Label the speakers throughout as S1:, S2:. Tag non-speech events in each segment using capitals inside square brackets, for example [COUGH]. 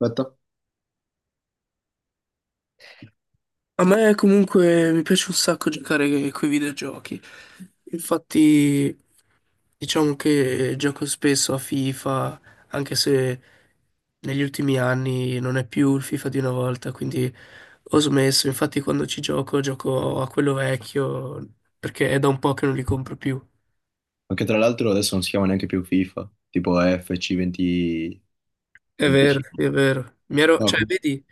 S1: Aspetta.
S2: A me comunque mi piace un sacco giocare coi videogiochi. Infatti, diciamo che gioco spesso a FIFA, anche se negli ultimi anni non è più il FIFA di una volta, quindi ho smesso. Infatti, quando ci gioco, gioco a quello vecchio, perché è da un po' che non li compro più.
S1: Anche tra l'altro adesso non si chiama neanche più FIFA, tipo FC20...
S2: È vero,
S1: 25.
S2: sì, è vero. Mi ero,
S1: No,
S2: cioè, vedi,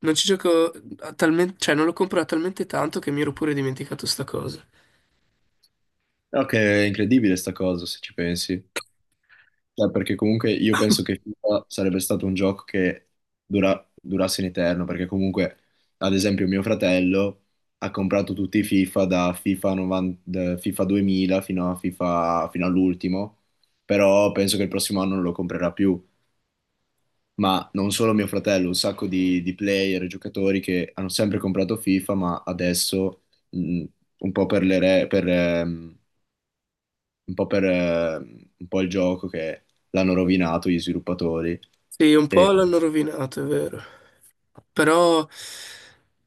S2: non ci gioco a talmente, cioè, non lo compro da talmente tanto che mi ero pure dimenticato sta cosa.
S1: no, che è incredibile sta cosa se ci pensi. Cioè, perché comunque io penso che FIFA sarebbe stato un gioco che durasse in eterno, perché comunque, ad esempio, mio fratello ha comprato tutti i FIFA da FIFA 90, da FIFA 2000 fino all'ultimo, però penso che il prossimo anno non lo comprerà più, ma non solo mio fratello, un sacco di player e giocatori che hanno sempre comprato FIFA, ma adesso mh, un po' per le re- per, un po' per, un po' il gioco che l'hanno rovinato gli sviluppatori.
S2: Sì, un
S1: E-
S2: po' l'hanno rovinato, è vero. Però,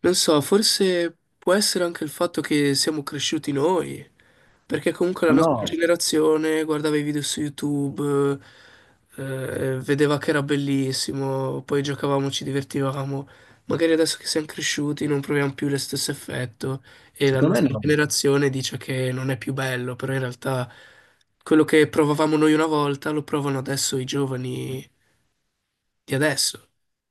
S2: non so, forse può essere anche il fatto che siamo cresciuti noi, perché comunque la
S1: Ma no,
S2: nostra generazione guardava i video su YouTube, vedeva che era bellissimo, poi giocavamo, ci divertivamo. Magari adesso che siamo cresciuti non proviamo più lo stesso effetto e la
S1: secondo me
S2: nostra
S1: no.
S2: generazione dice che non è più bello, però in realtà quello che provavamo noi una volta lo provano adesso i giovani di adesso.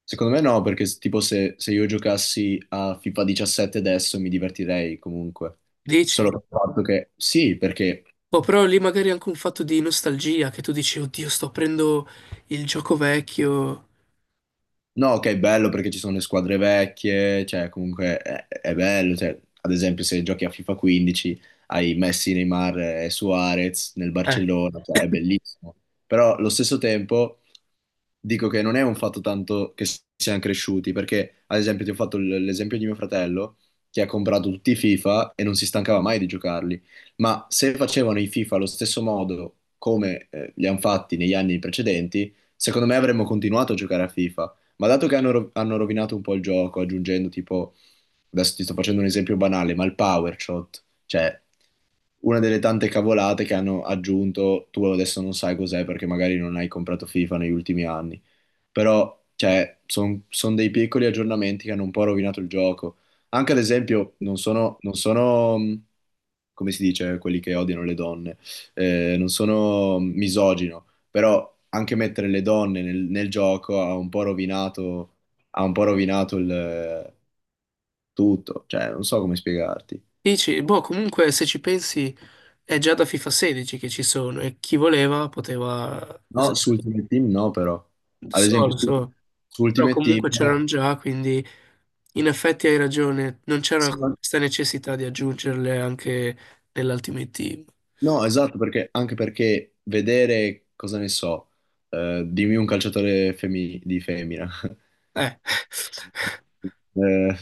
S1: Secondo me no, perché tipo se io giocassi a FIFA 17 adesso mi divertirei comunque. Solo
S2: Dici?
S1: per il fatto che sì, perché.
S2: Boh, però lì magari è anche un fatto di nostalgia, che tu dici, oddio, sto aprendo il gioco vecchio.
S1: No, ok, bello perché ci sono le squadre vecchie, cioè comunque è bello, cioè, ad esempio se giochi a FIFA 15 hai Messi, Neymar e Suarez nel
S2: Eh,
S1: Barcellona, cioè è bellissimo. Però allo stesso tempo dico che non è un fatto tanto che siamo cresciuti, perché ad esempio ti ho fatto l'esempio di mio fratello che ha comprato tutti i FIFA e non si stancava mai di giocarli, ma se facevano i FIFA allo stesso modo come li hanno fatti negli anni precedenti, secondo me avremmo continuato a giocare a FIFA, ma dato che hanno rovinato un po' il gioco, aggiungendo tipo, adesso ti sto facendo un esempio banale, ma il power shot, cioè una delle tante cavolate che hanno aggiunto, tu adesso non sai cos'è perché magari non hai comprato FIFA negli ultimi anni, però cioè, sono dei piccoli aggiornamenti che hanno un po' rovinato il gioco. Anche ad esempio, non sono, come si dice, quelli che odiano le donne, non sono misogino, però anche mettere le donne nel gioco ha un po' rovinato, ha un po' rovinato il tutto, cioè, non so come spiegarti.
S2: dici, boh, comunque se ci pensi è già da FIFA 16 che ci sono e chi voleva poteva
S1: No,
S2: usare.
S1: su Ultimate Team no, però. Ad esempio,
S2: Lo
S1: su,
S2: so,
S1: su
S2: però
S1: Ultimate Team.
S2: comunque c'erano già, quindi in effetti hai ragione, non c'era
S1: Sì,
S2: questa necessità di aggiungerle anche nell'Ultimate Team.
S1: no, esatto, perché, anche perché vedere, cosa ne so, dimmi un calciatore di femmina, [LAUGHS]
S2: Eh, [LAUGHS]
S1: Eh,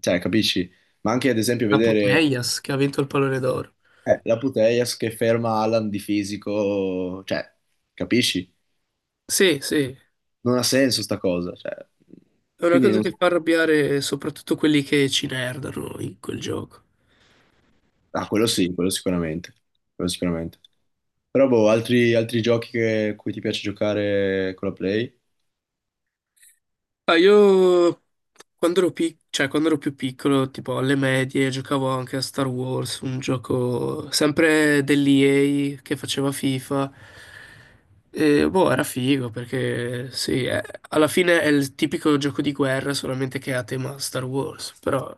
S1: cioè, capisci? Ma anche ad esempio
S2: la
S1: vedere
S2: Putellas che ha vinto il pallone d'oro.
S1: la Putellas che ferma Alan di fisico, cioè, capisci?
S2: Sì, sì,
S1: Non ha senso sta cosa, cioè.
S2: è una
S1: Quindi
S2: cosa
S1: non.
S2: che fa arrabbiare soprattutto quelli che ci nerdano in quel gioco.
S1: Ah, quello sì, quello sicuramente, quello sicuramente. Però, boh, altri giochi cui ti piace giocare con la Play?
S2: Ah, io quando ero, cioè, quando ero più piccolo, tipo alle medie, giocavo anche a Star Wars, un gioco sempre dell'EA che faceva FIFA. E, boh, era figo perché sì, alla fine è il tipico gioco di guerra, solamente che è a tema Star Wars. Però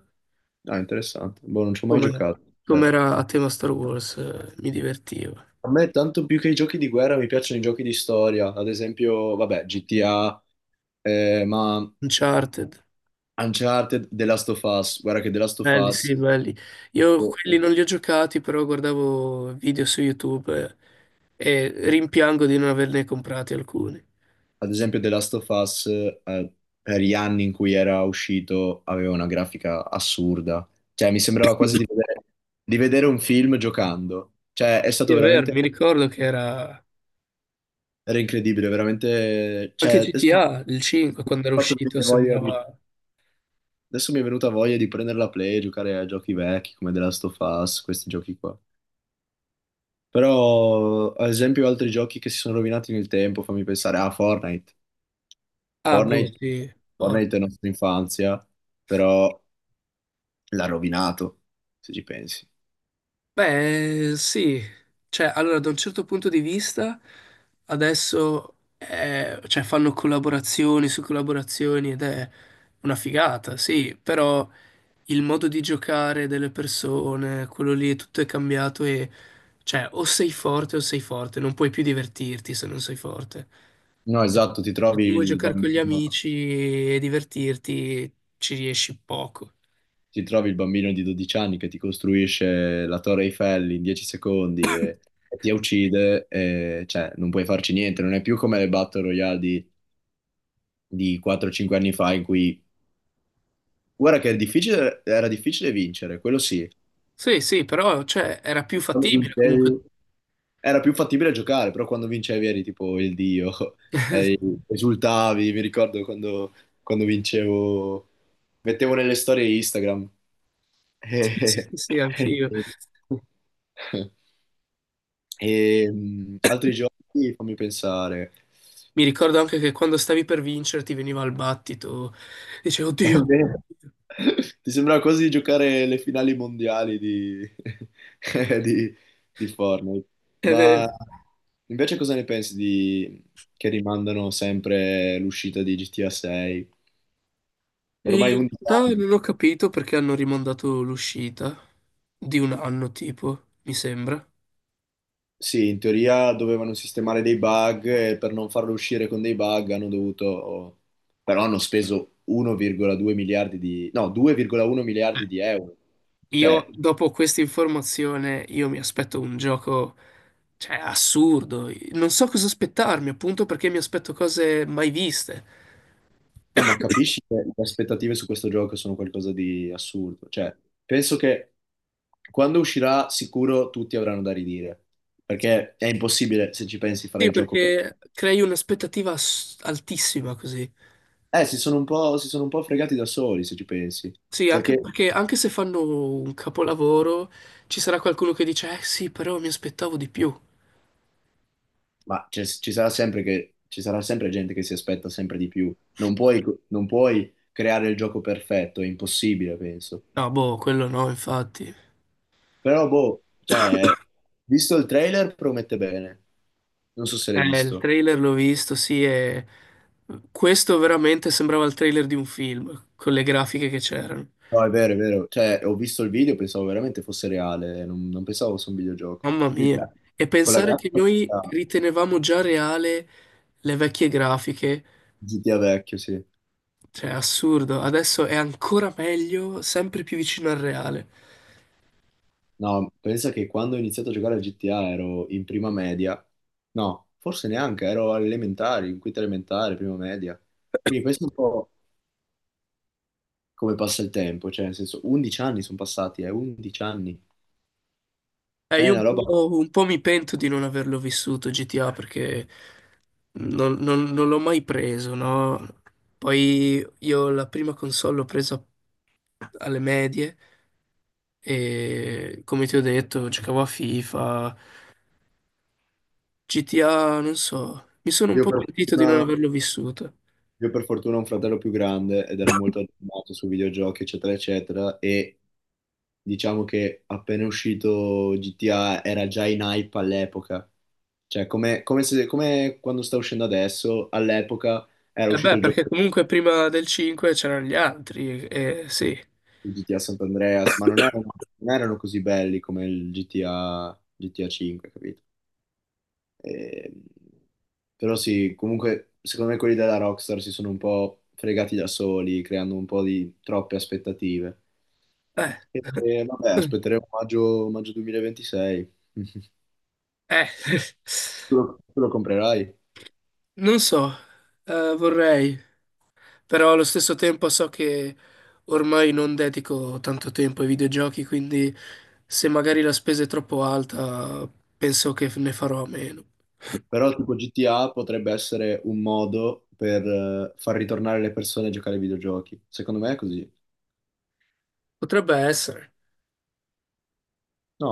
S1: Ah, interessante. Boh, non ci ho mai
S2: come,
S1: giocato,
S2: come
S1: cioè.
S2: era a tema Star Wars, mi divertiva.
S1: A me tanto più che i giochi di guerra, mi piacciono i giochi di storia, ad esempio, vabbè, GTA, ma
S2: Uncharted.
S1: Uncharted, The Last of Us, guarda che The Last of
S2: Belli,
S1: Us,
S2: sì, belli. Io
S1: o-
S2: quelli
S1: o-
S2: non li ho giocati, però guardavo video su YouTube eh, e rimpiango di non averne comprati alcuni.
S1: ad esempio The Last of Us, per gli anni in cui era uscito, aveva una grafica assurda, cioè mi sembrava quasi di vedere un film giocando, cioè è
S2: Sì,
S1: stato
S2: è vero,
S1: veramente,
S2: mi ricordo che era
S1: era incredibile, veramente, cioè,
S2: anche
S1: adesso
S2: GTA, il 5,
S1: mi ha
S2: quando era
S1: fatto
S2: uscito,
S1: venire voglia di.
S2: sembrava.
S1: Adesso mi è venuta voglia di prendere la Play e giocare a giochi vecchi come The Last of Us, questi giochi qua. Però, ad esempio, altri giochi che si sono rovinati nel tempo, fammi pensare a Fortnite.
S2: Ah, boh,
S1: Fortnite,
S2: sì. Oh.
S1: Fortnite, è la nostra infanzia, però l'ha rovinato, se ci pensi.
S2: Beh, sì. Cioè, allora, da un certo punto di vista, adesso cioè, fanno collaborazioni su collaborazioni ed è una figata, sì, però. Il modo di giocare delle persone, quello lì, tutto è cambiato e cioè o sei forte, non puoi più divertirti se non sei forte.
S1: No, esatto, ti
S2: Se
S1: trovi
S2: tu vuoi
S1: il
S2: giocare con gli
S1: bambino,
S2: amici e divertirti, ci riesci poco.
S1: ti trovi il bambino di 12 anni che ti costruisce la Torre Eiffel in 10 secondi e ti uccide, e, cioè non puoi farci niente, non è più come le Battle Royale di 4-5 anni fa in cui. Guarda che era difficile vincere, quello sì.
S2: Sì, sì, però cioè, era più
S1: Quando
S2: fattibile comunque.
S1: vincevi era più fattibile giocare, però quando vincevi eri tipo il dio, [LAUGHS] eri,
S2: [LAUGHS]
S1: esultavi, mi ricordo quando, quando vincevo, mettevo nelle storie Instagram.
S2: Sì, sì,
S1: [LAUGHS]
S2: sì,
S1: E,
S2: anch'io.
S1: altri giochi, fammi pensare.
S2: Mi ricordo anche che quando stavi per vincere ti veniva il battito, dicevo,
S1: [LAUGHS] È
S2: oddio,
S1: vero.
S2: [LAUGHS]
S1: Ti sembra quasi di giocare le finali mondiali di, [LAUGHS] di- di Fortnite. Ma
S2: oddio".
S1: invece cosa ne pensi che rimandano sempre l'uscita di GTA 6?
S2: E
S1: Ormai
S2: in
S1: 11
S2: realtà
S1: anni.
S2: non ho capito perché hanno rimandato l'uscita di un anno, tipo, mi sembra.
S1: Sì, in teoria dovevano sistemare dei bug e per non farlo uscire con dei bug hanno dovuto. Però hanno speso 1,2 miliardi di, no, 2,1 miliardi di euro.
S2: Io,
S1: Cioè.
S2: dopo questa informazione, io mi aspetto un gioco, cioè, assurdo. Non so cosa aspettarmi, appunto perché mi aspetto cose mai viste.
S1: No, ma capisci che le aspettative su questo gioco sono qualcosa di assurdo. Cioè, penso che quando uscirà, sicuro tutti avranno da ridire. Perché è impossibile, se ci pensi, fare
S2: Sì,
S1: il gioco per.
S2: perché crei un'aspettativa altissima così.
S1: Si sono un po' fregati da soli, se ci pensi.
S2: Sì, anche
S1: Perché,
S2: perché anche se fanno un capolavoro, ci sarà qualcuno che dice, eh sì, però mi aspettavo di più.
S1: ma ci sarà sempre gente che si aspetta sempre di più. Non puoi creare il gioco perfetto, è impossibile, penso.
S2: No, boh, quello no, infatti.
S1: Però, boh, cioè, visto il trailer, promette bene. Non so se l'hai
S2: Il
S1: visto.
S2: trailer l'ho visto, sì, e questo veramente sembrava il trailer di un film, con le grafiche che c'erano.
S1: No, è vero, è vero. Cioè, ho visto il video, pensavo veramente fosse reale, non, non pensavo fosse un videogioco.
S2: Mamma
S1: Quindi,
S2: mia. E
S1: con la
S2: pensare che
S1: grafica
S2: noi
S1: ah,
S2: ritenevamo già reale le vecchie grafiche,
S1: GTA vecchio, sì.
S2: cioè assurdo. Adesso è ancora meglio, sempre più vicino al reale.
S1: No, pensa che quando ho iniziato a giocare a GTA ero in prima media. No, forse neanche, ero alle elementari, in quinta elementare, prima media. Quindi questo è un po' come passa il tempo, cioè, nel senso, 11 anni sono passati, 11 anni.
S2: Eh,
S1: È
S2: io
S1: una roba...
S2: un po' mi pento di non averlo vissuto GTA perché non l'ho mai preso, no? Poi io la prima console l'ho presa alle medie e come ti ho detto giocavo a FIFA, GTA, non so, mi sono un
S1: Io
S2: po'
S1: per
S2: pentito di
S1: fortuna...
S2: non averlo vissuto.
S1: Io per fortuna ho un fratello più grande ed era molto aggiornato su videogiochi, eccetera, eccetera, e diciamo che appena uscito GTA era già in hype all'epoca. Cioè, come, come se- come quando sta uscendo adesso, all'epoca era
S2: E
S1: uscito
S2: beh,
S1: il gioco
S2: perché comunque prima del 5 c'erano gli altri, e sì,
S1: di GTA Sant'Andreas, ma non erano così belli come il GTA 5, capito? E- Però sì, comunque, secondo me quelli della Rockstar si sono un po' fregati da soli, creando un po' di troppe aspettative.
S2: eh,
S1: E, vabbè,
S2: [LAUGHS]
S1: aspetteremo maggio, maggio 2026. [LAUGHS]
S2: eh, [LAUGHS]
S1: Tu lo comprerai.
S2: non so, vorrei, però allo stesso tempo so che ormai non dedico tanto tempo ai videogiochi, quindi se magari la spesa è troppo alta, penso che ne farò a meno. [LAUGHS]
S1: Però tipo GTA potrebbe essere un modo per far ritornare le persone a giocare ai videogiochi. Secondo me è così.
S2: Potrebbe essere.
S1: No?